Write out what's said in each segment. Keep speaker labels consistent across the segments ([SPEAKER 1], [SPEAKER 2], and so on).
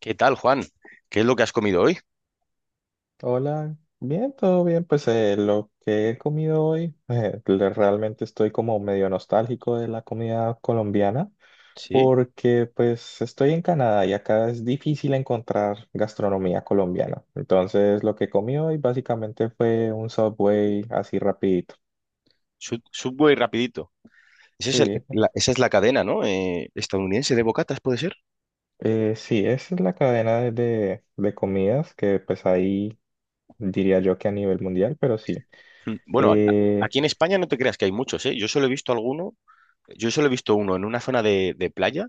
[SPEAKER 1] ¿Qué tal, Juan? ¿Qué es lo que has comido hoy?
[SPEAKER 2] Hola, bien, todo bien. Pues lo que he comido hoy, realmente estoy como medio nostálgico de la comida colombiana
[SPEAKER 1] Sí.
[SPEAKER 2] porque pues estoy en Canadá y acá es difícil encontrar gastronomía colombiana. Entonces lo que comí hoy básicamente fue un Subway así rapidito.
[SPEAKER 1] Subway rapidito. Ese es
[SPEAKER 2] Sí,
[SPEAKER 1] esa es la cadena, ¿no? Estadounidense de bocatas, ¿puede ser?
[SPEAKER 2] sí, esa es la cadena de comidas que pues ahí diría yo que a nivel mundial, pero sí.
[SPEAKER 1] Mm. Bueno,
[SPEAKER 2] Eh,
[SPEAKER 1] aquí en España no te creas que hay muchos, ¿eh? Yo solo he visto alguno, yo solo he visto uno en una zona de playa,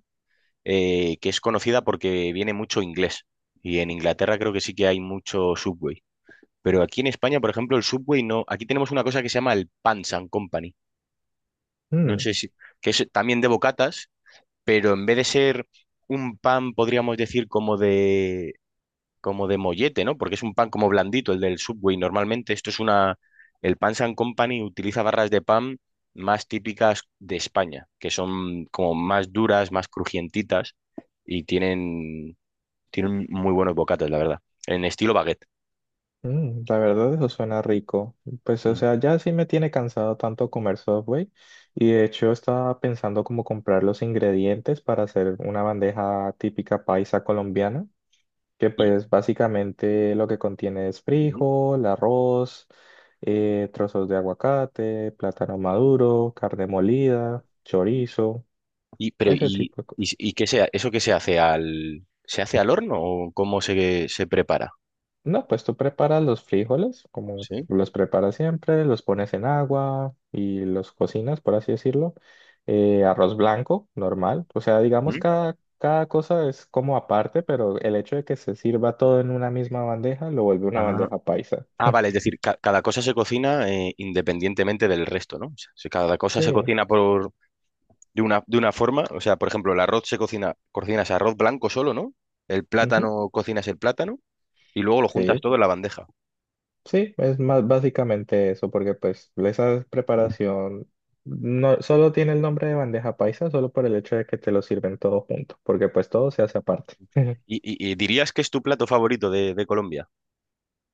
[SPEAKER 1] que es conocida porque viene mucho inglés. Y en Inglaterra creo que sí que hay mucho Subway. Pero aquí en España, por ejemplo, el Subway no. Aquí tenemos una cosa que se llama el Pans and Company. No
[SPEAKER 2] mm,
[SPEAKER 1] sé si. Que es también de bocatas, pero en vez de ser un pan, podríamos decir, como de mollete, ¿no? Porque es un pan como blandito, el del Subway. Normalmente esto es una. El Pan and Company utiliza barras de pan más típicas de España, que son como más duras, más crujientitas y tienen muy buenos bocates, la verdad, en estilo baguette.
[SPEAKER 2] Mm, la verdad, eso suena rico. Pues, o
[SPEAKER 1] Mm.
[SPEAKER 2] sea, ya sí me tiene cansado tanto comer Subway y de hecho estaba pensando como comprar los ingredientes para hacer una bandeja típica paisa colombiana, que
[SPEAKER 1] Y,
[SPEAKER 2] pues básicamente lo que contiene es
[SPEAKER 1] mm.
[SPEAKER 2] frijol, arroz, trozos de aguacate, plátano maduro, carne molida, chorizo, ese tipo de cosas.
[SPEAKER 1] ¿Eso qué se hace al horno, o cómo se prepara?
[SPEAKER 2] No, pues tú preparas los frijoles, como
[SPEAKER 1] ¿Sí?
[SPEAKER 2] los preparas siempre, los pones en agua y los cocinas, por así decirlo. Arroz blanco, normal. O sea, digamos,
[SPEAKER 1] ¿Mm?
[SPEAKER 2] cada cosa es como aparte, pero el hecho de que se sirva todo en una misma bandeja lo vuelve una
[SPEAKER 1] Ah.
[SPEAKER 2] bandeja paisa.
[SPEAKER 1] Ah, vale, es decir, cada cosa se cocina, independientemente del resto, ¿no? O sea, si cada cosa se
[SPEAKER 2] Sí,
[SPEAKER 1] cocina por de una forma, o sea, por ejemplo, el arroz cocinas arroz blanco solo, ¿no? El
[SPEAKER 2] ujú,
[SPEAKER 1] plátano, cocinas el plátano y luego lo juntas
[SPEAKER 2] sí,
[SPEAKER 1] todo en la bandeja.
[SPEAKER 2] sí, es más básicamente eso, porque pues esa preparación no solo tiene el nombre de bandeja paisa, solo por el hecho de que te lo sirven todo junto, porque pues todo se hace aparte.
[SPEAKER 1] Y dirías que es tu plato favorito de Colombia.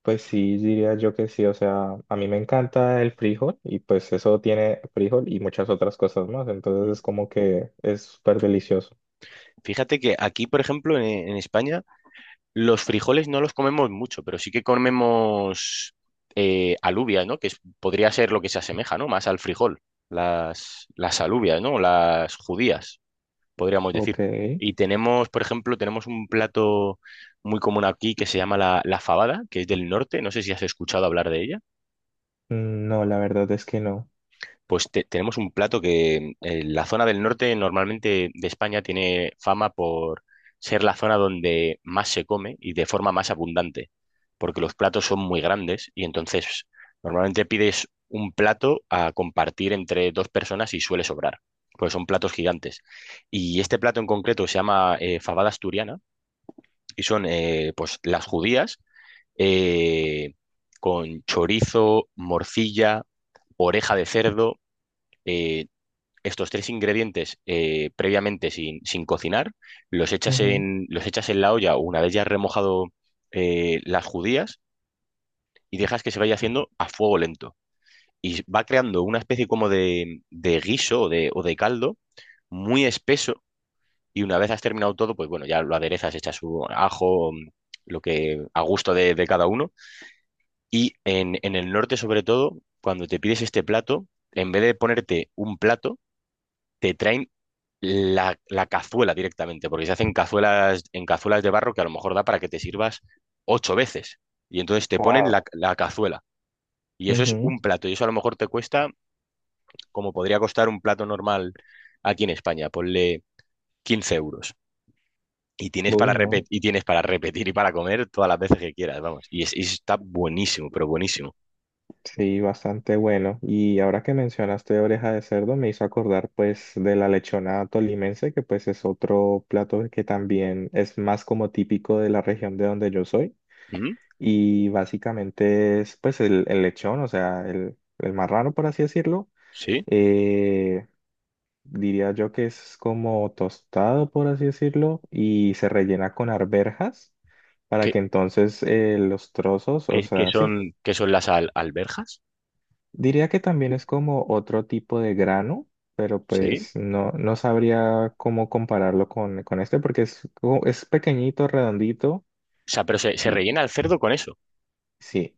[SPEAKER 2] Pues sí, diría yo que sí, o sea, a mí me encanta el frijol y pues eso tiene frijol y muchas otras cosas más, entonces
[SPEAKER 1] Mm.
[SPEAKER 2] es como que es súper delicioso.
[SPEAKER 1] Fíjate que aquí, por ejemplo, en España, los frijoles no los comemos mucho, pero sí que comemos, alubias, ¿no? Que es- podría ser lo que se asemeja, ¿no? Más al frijol. Las alubias, ¿no? Las judías. Podríamos decir.
[SPEAKER 2] Ok.
[SPEAKER 1] Y tenemos, por ejemplo, tenemos un plato muy común aquí que se llama la fabada, que es del norte. No sé si has escuchado hablar de ella.
[SPEAKER 2] Mm, no, la verdad es que no.
[SPEAKER 1] Pues tenemos un plato que, la zona del norte normalmente de España tiene fama por ser la zona donde más se come y de forma más abundante, porque los platos son muy grandes y entonces normalmente pides un plato a compartir entre dos personas y suele sobrar, porque son platos gigantes. Y este plato en concreto se llama, fabada asturiana, y son, pues las judías eh, con chorizo, morcilla, oreja de cerdo. eh, Estos tres ingredientes, previamente sin cocinar,
[SPEAKER 2] Ujú.
[SPEAKER 1] los echas en la olla una vez ya has remojado, las judías, y dejas que se vaya haciendo a fuego lento. Y va creando una especie como de guiso o de caldo muy espeso, y una vez has terminado todo, pues bueno, ya lo aderezas, echas su ajo, lo que a gusto de cada uno. Y en el norte, sobre todo, cuando te pides este plato, en vez de ponerte un plato, te traen la cazuela directamente, porque se hacen cazuelas, en cazuelas de barro que a lo mejor da para que te sirvas ocho veces. Y entonces te ponen
[SPEAKER 2] Wow.
[SPEAKER 1] la cazuela. Y eso es
[SPEAKER 2] Ujú.
[SPEAKER 1] un plato. Y eso a lo mejor te cuesta, como podría costar un plato normal aquí en España, ponle 15 euros. Y tienes para
[SPEAKER 2] Uy, no.
[SPEAKER 1] repetir, y tienes para repetir y para comer todas las veces que quieras, vamos. Y está buenísimo, pero buenísimo.
[SPEAKER 2] Sí, bastante bueno. Y ahora que mencionaste oreja de cerdo, me hizo acordar pues de la lechona tolimense, que pues es otro plato que también es más como típico de la región de donde yo soy.
[SPEAKER 1] ¿Mm?
[SPEAKER 2] Y básicamente es pues el lechón, o sea, el marrano por así decirlo.
[SPEAKER 1] ¿Sí?
[SPEAKER 2] Eh, Diría yo que es como tostado por así decirlo y se rellena con arvejas para
[SPEAKER 1] ¿Qué,
[SPEAKER 2] que entonces los trozos, o
[SPEAKER 1] qué- qué
[SPEAKER 2] sea, sí,
[SPEAKER 1] son, qué son las alberjas?
[SPEAKER 2] diría que también es como otro tipo de grano, pero
[SPEAKER 1] ¿Sí?
[SPEAKER 2] pues no, no sabría cómo compararlo con este porque es, es pequeñito, redondito
[SPEAKER 1] O sea, pero se
[SPEAKER 2] y
[SPEAKER 1] rellena el cerdo con eso.
[SPEAKER 2] sí,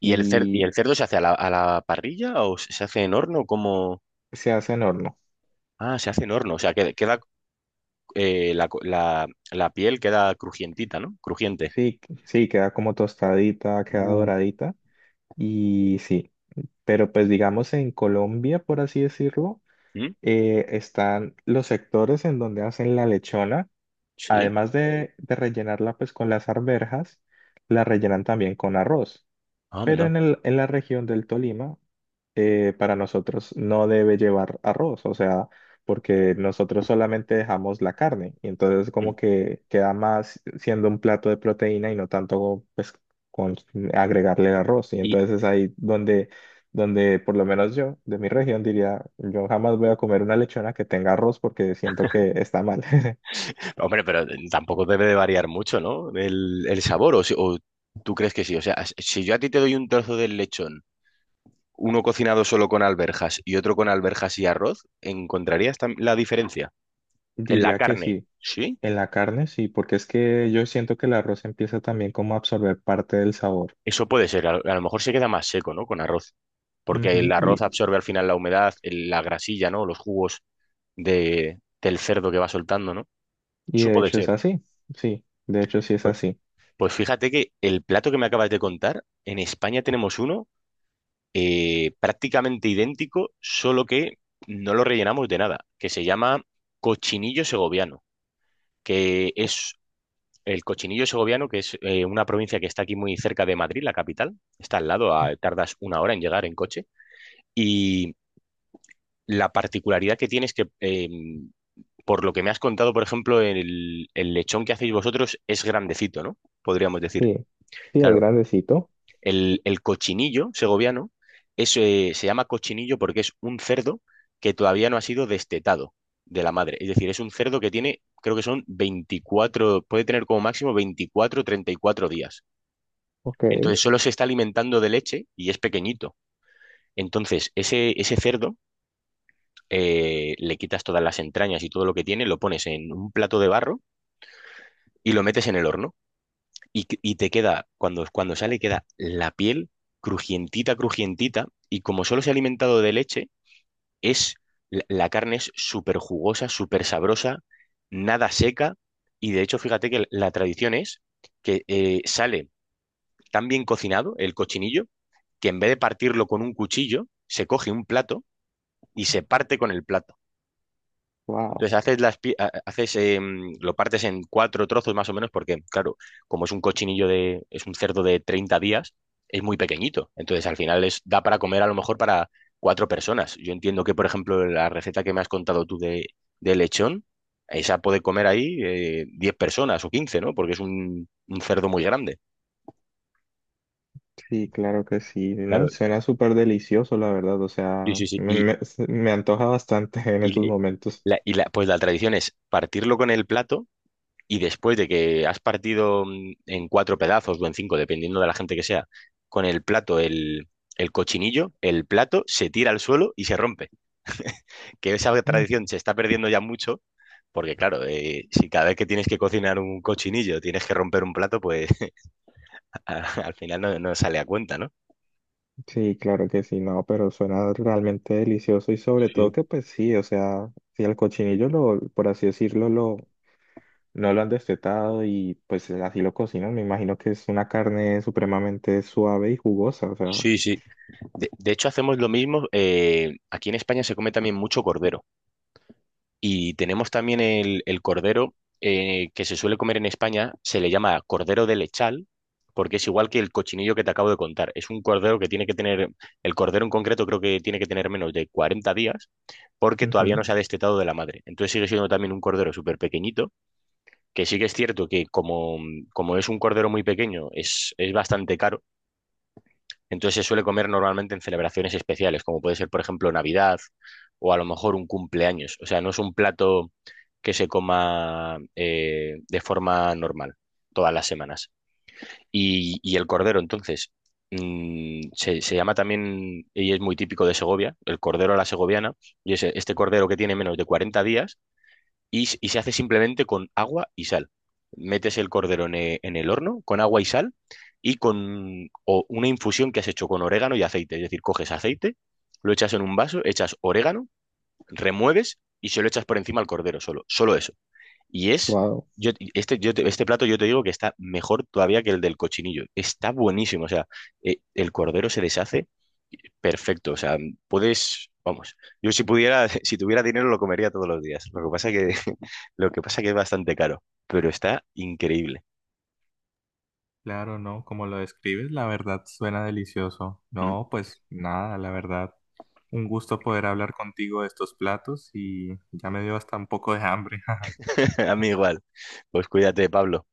[SPEAKER 1] Y
[SPEAKER 2] y
[SPEAKER 1] el cerdo se hace a la parrilla, o se hace en horno? Como
[SPEAKER 2] se hace en horno.
[SPEAKER 1] Ah, se hace en horno. O sea, queda, eh, la, co- la- la piel queda crujientita, ¿no? Crujiente.
[SPEAKER 2] Sí, sí, queda como tostadita, queda
[SPEAKER 1] Uh.
[SPEAKER 2] doradita y sí, pero pues digamos en Colombia, por así decirlo,
[SPEAKER 1] ¿Mm?
[SPEAKER 2] están los sectores en donde hacen la lechona,
[SPEAKER 1] Sí.
[SPEAKER 2] además de rellenarla pues con las arvejas, la rellenan también con arroz. Pero
[SPEAKER 1] Anda.
[SPEAKER 2] en el, en la región del Tolima, para nosotros no debe llevar arroz, o sea, porque nosotros solamente dejamos la carne y entonces
[SPEAKER 1] Mm.
[SPEAKER 2] como que queda más siendo un plato de proteína y no tanto pues con agregarle el arroz. Y
[SPEAKER 1] Y,
[SPEAKER 2] entonces es ahí donde, donde por lo menos yo de mi región diría, yo jamás voy a comer una lechona que tenga arroz porque siento que está mal.
[SPEAKER 1] hombre, pero tampoco debe de variar mucho, ¿no? El sabor, o, si- o tú crees que sí. O sea, si yo a ti te doy un trozo del lechón, uno cocinado solo con alberjas y otro con alberjas y arroz, ¿encontrarías la diferencia? En la
[SPEAKER 2] Diría que
[SPEAKER 1] carne,
[SPEAKER 2] sí.
[SPEAKER 1] ¿sí?
[SPEAKER 2] En la carne sí, porque es que yo siento que el arroz empieza también como a absorber parte del sabor.
[SPEAKER 1] Eso puede ser. A lo mejor se queda más seco, ¿no? Con arroz. Porque el
[SPEAKER 2] Ujú.
[SPEAKER 1] arroz absorbe al final la humedad, la grasilla, ¿no? Los jugos del cerdo que va soltando, ¿no?
[SPEAKER 2] Y
[SPEAKER 1] Eso
[SPEAKER 2] de
[SPEAKER 1] puede
[SPEAKER 2] hecho es
[SPEAKER 1] ser.
[SPEAKER 2] así, sí, de hecho sí es
[SPEAKER 1] Pues,
[SPEAKER 2] así,
[SPEAKER 1] pues fíjate que el plato que me acabas de contar, en España tenemos uno, prácticamente idéntico, solo que no lo rellenamos de nada, que se llama cochinillo segoviano. Que es el cochinillo segoviano, que es, una provincia que está aquí muy cerca de Madrid, la capital, está al lado, tardas una hora en llegar en coche, y la particularidad que tiene es que, por lo que me has contado, por ejemplo, el lechón que hacéis vosotros es grandecito, ¿no? Podríamos decir.
[SPEAKER 2] sí, sí es
[SPEAKER 1] Claro.
[SPEAKER 2] grandecito,
[SPEAKER 1] El cochinillo segoviano es, se llama cochinillo porque es un cerdo que todavía no ha sido destetado de la madre. Es decir, es un cerdo que tiene, creo que son 24, puede tener como máximo 24, 34 días.
[SPEAKER 2] ok,
[SPEAKER 1] Entonces solo se está alimentando de leche y es pequeñito. Entonces ese cerdo, le quitas todas las entrañas y todo lo que tiene, lo pones en un plato de barro y lo metes en el horno. Y, y te queda, cuando sale, queda la piel crujientita, crujientita, y como solo se ha alimentado de leche, es, la carne es súper jugosa, súper sabrosa, nada seca, y de hecho, fíjate que la tradición es que, sale tan bien cocinado el cochinillo, que en vez de partirlo con un cuchillo, se coge un plato y se parte con el plato.
[SPEAKER 2] wow,
[SPEAKER 1] Entonces haces las pi- ha- haces lo partes en cuatro trozos más o menos, porque claro, como es un cochinillo de es un cerdo de 30 días, es muy pequeñito. Entonces al final es da para comer a lo mejor para cuatro personas. Yo entiendo que, por ejemplo, la receta que me has contado tú de lechón, esa puede comer ahí, 10 personas o 15, ¿no? Porque es un cerdo muy grande.
[SPEAKER 2] sí, claro que sí, no,
[SPEAKER 1] Claro.
[SPEAKER 2] suena súper delicioso, la verdad, o
[SPEAKER 1] Sí,
[SPEAKER 2] sea,
[SPEAKER 1] sí, sí.
[SPEAKER 2] me antoja bastante en estos
[SPEAKER 1] Y
[SPEAKER 2] momentos.
[SPEAKER 1] y, pues la tradición es partirlo con el plato, y después de que has partido, en cuatro pedazos o en cinco, dependiendo de la gente que sea, con el plato, el cochinillo, el plato se tira al suelo y se rompe. Que esa
[SPEAKER 2] Mm,
[SPEAKER 1] tradición se está perdiendo ya mucho, porque claro, si cada vez que tienes que cocinar un cochinillo tienes que romper un plato, pues al final no sale a cuenta, ¿no?
[SPEAKER 2] sí, claro que sí, no, pero suena realmente delicioso y sobre todo
[SPEAKER 1] Sí,
[SPEAKER 2] que pues sí, o sea, si el cochinillo lo, por así decirlo, lo, no lo han destetado y pues así lo cocinan, me imagino que es una carne supremamente suave y jugosa, o sea.
[SPEAKER 1] sí, sí. De hecho, hacemos lo mismo. Aquí en España se come también mucho cordero. Y tenemos también el cordero que se suele comer en España, se le llama cordero de lechal, porque es igual que el cochinillo que te acabo de contar. Es un cordero que tiene que tener, el cordero en concreto creo que tiene que tener menos de 40 días, porque todavía no
[SPEAKER 2] Ujú.
[SPEAKER 1] se ha destetado de la madre. Entonces sigue siendo también un cordero súper pequeñito, que sí que es cierto que como es un cordero muy pequeño, es bastante caro. Entonces se suele comer normalmente en celebraciones especiales, como puede ser, por ejemplo, Navidad o a lo mejor un cumpleaños. O sea, no es un plato que se coma, de forma normal todas las semanas. Y el cordero, entonces, se llama también, y es muy típico de Segovia, el cordero a la segoviana, y es este cordero que tiene menos de 40 días, y, y se hace simplemente con agua y sal. Metes el cordero en el horno con agua y sal, y con o una infusión que has hecho con orégano y aceite. Es decir, coges aceite, lo echas en un vaso, echas orégano, remueves y se lo echas por encima al cordero solo. Solo eso. Y es,
[SPEAKER 2] Wow.
[SPEAKER 1] yo, este, yo te- Este plato yo te digo que está mejor todavía que el del cochinillo. Está buenísimo. O sea, el cordero se deshace perfecto, o sea, puedes, vamos, yo, si pudiera, si tuviera dinero lo comería todos los días. Lo que pasa que, lo que pasa que es bastante caro, pero está increíble.
[SPEAKER 2] Claro, ¿no? Como lo describes, la verdad suena delicioso.
[SPEAKER 1] Mm.
[SPEAKER 2] No, pues nada, la verdad. Un gusto poder hablar contigo de estos platos y ya me dio hasta un poco de hambre.
[SPEAKER 1] A mí igual. Pues cuídate, Pablo.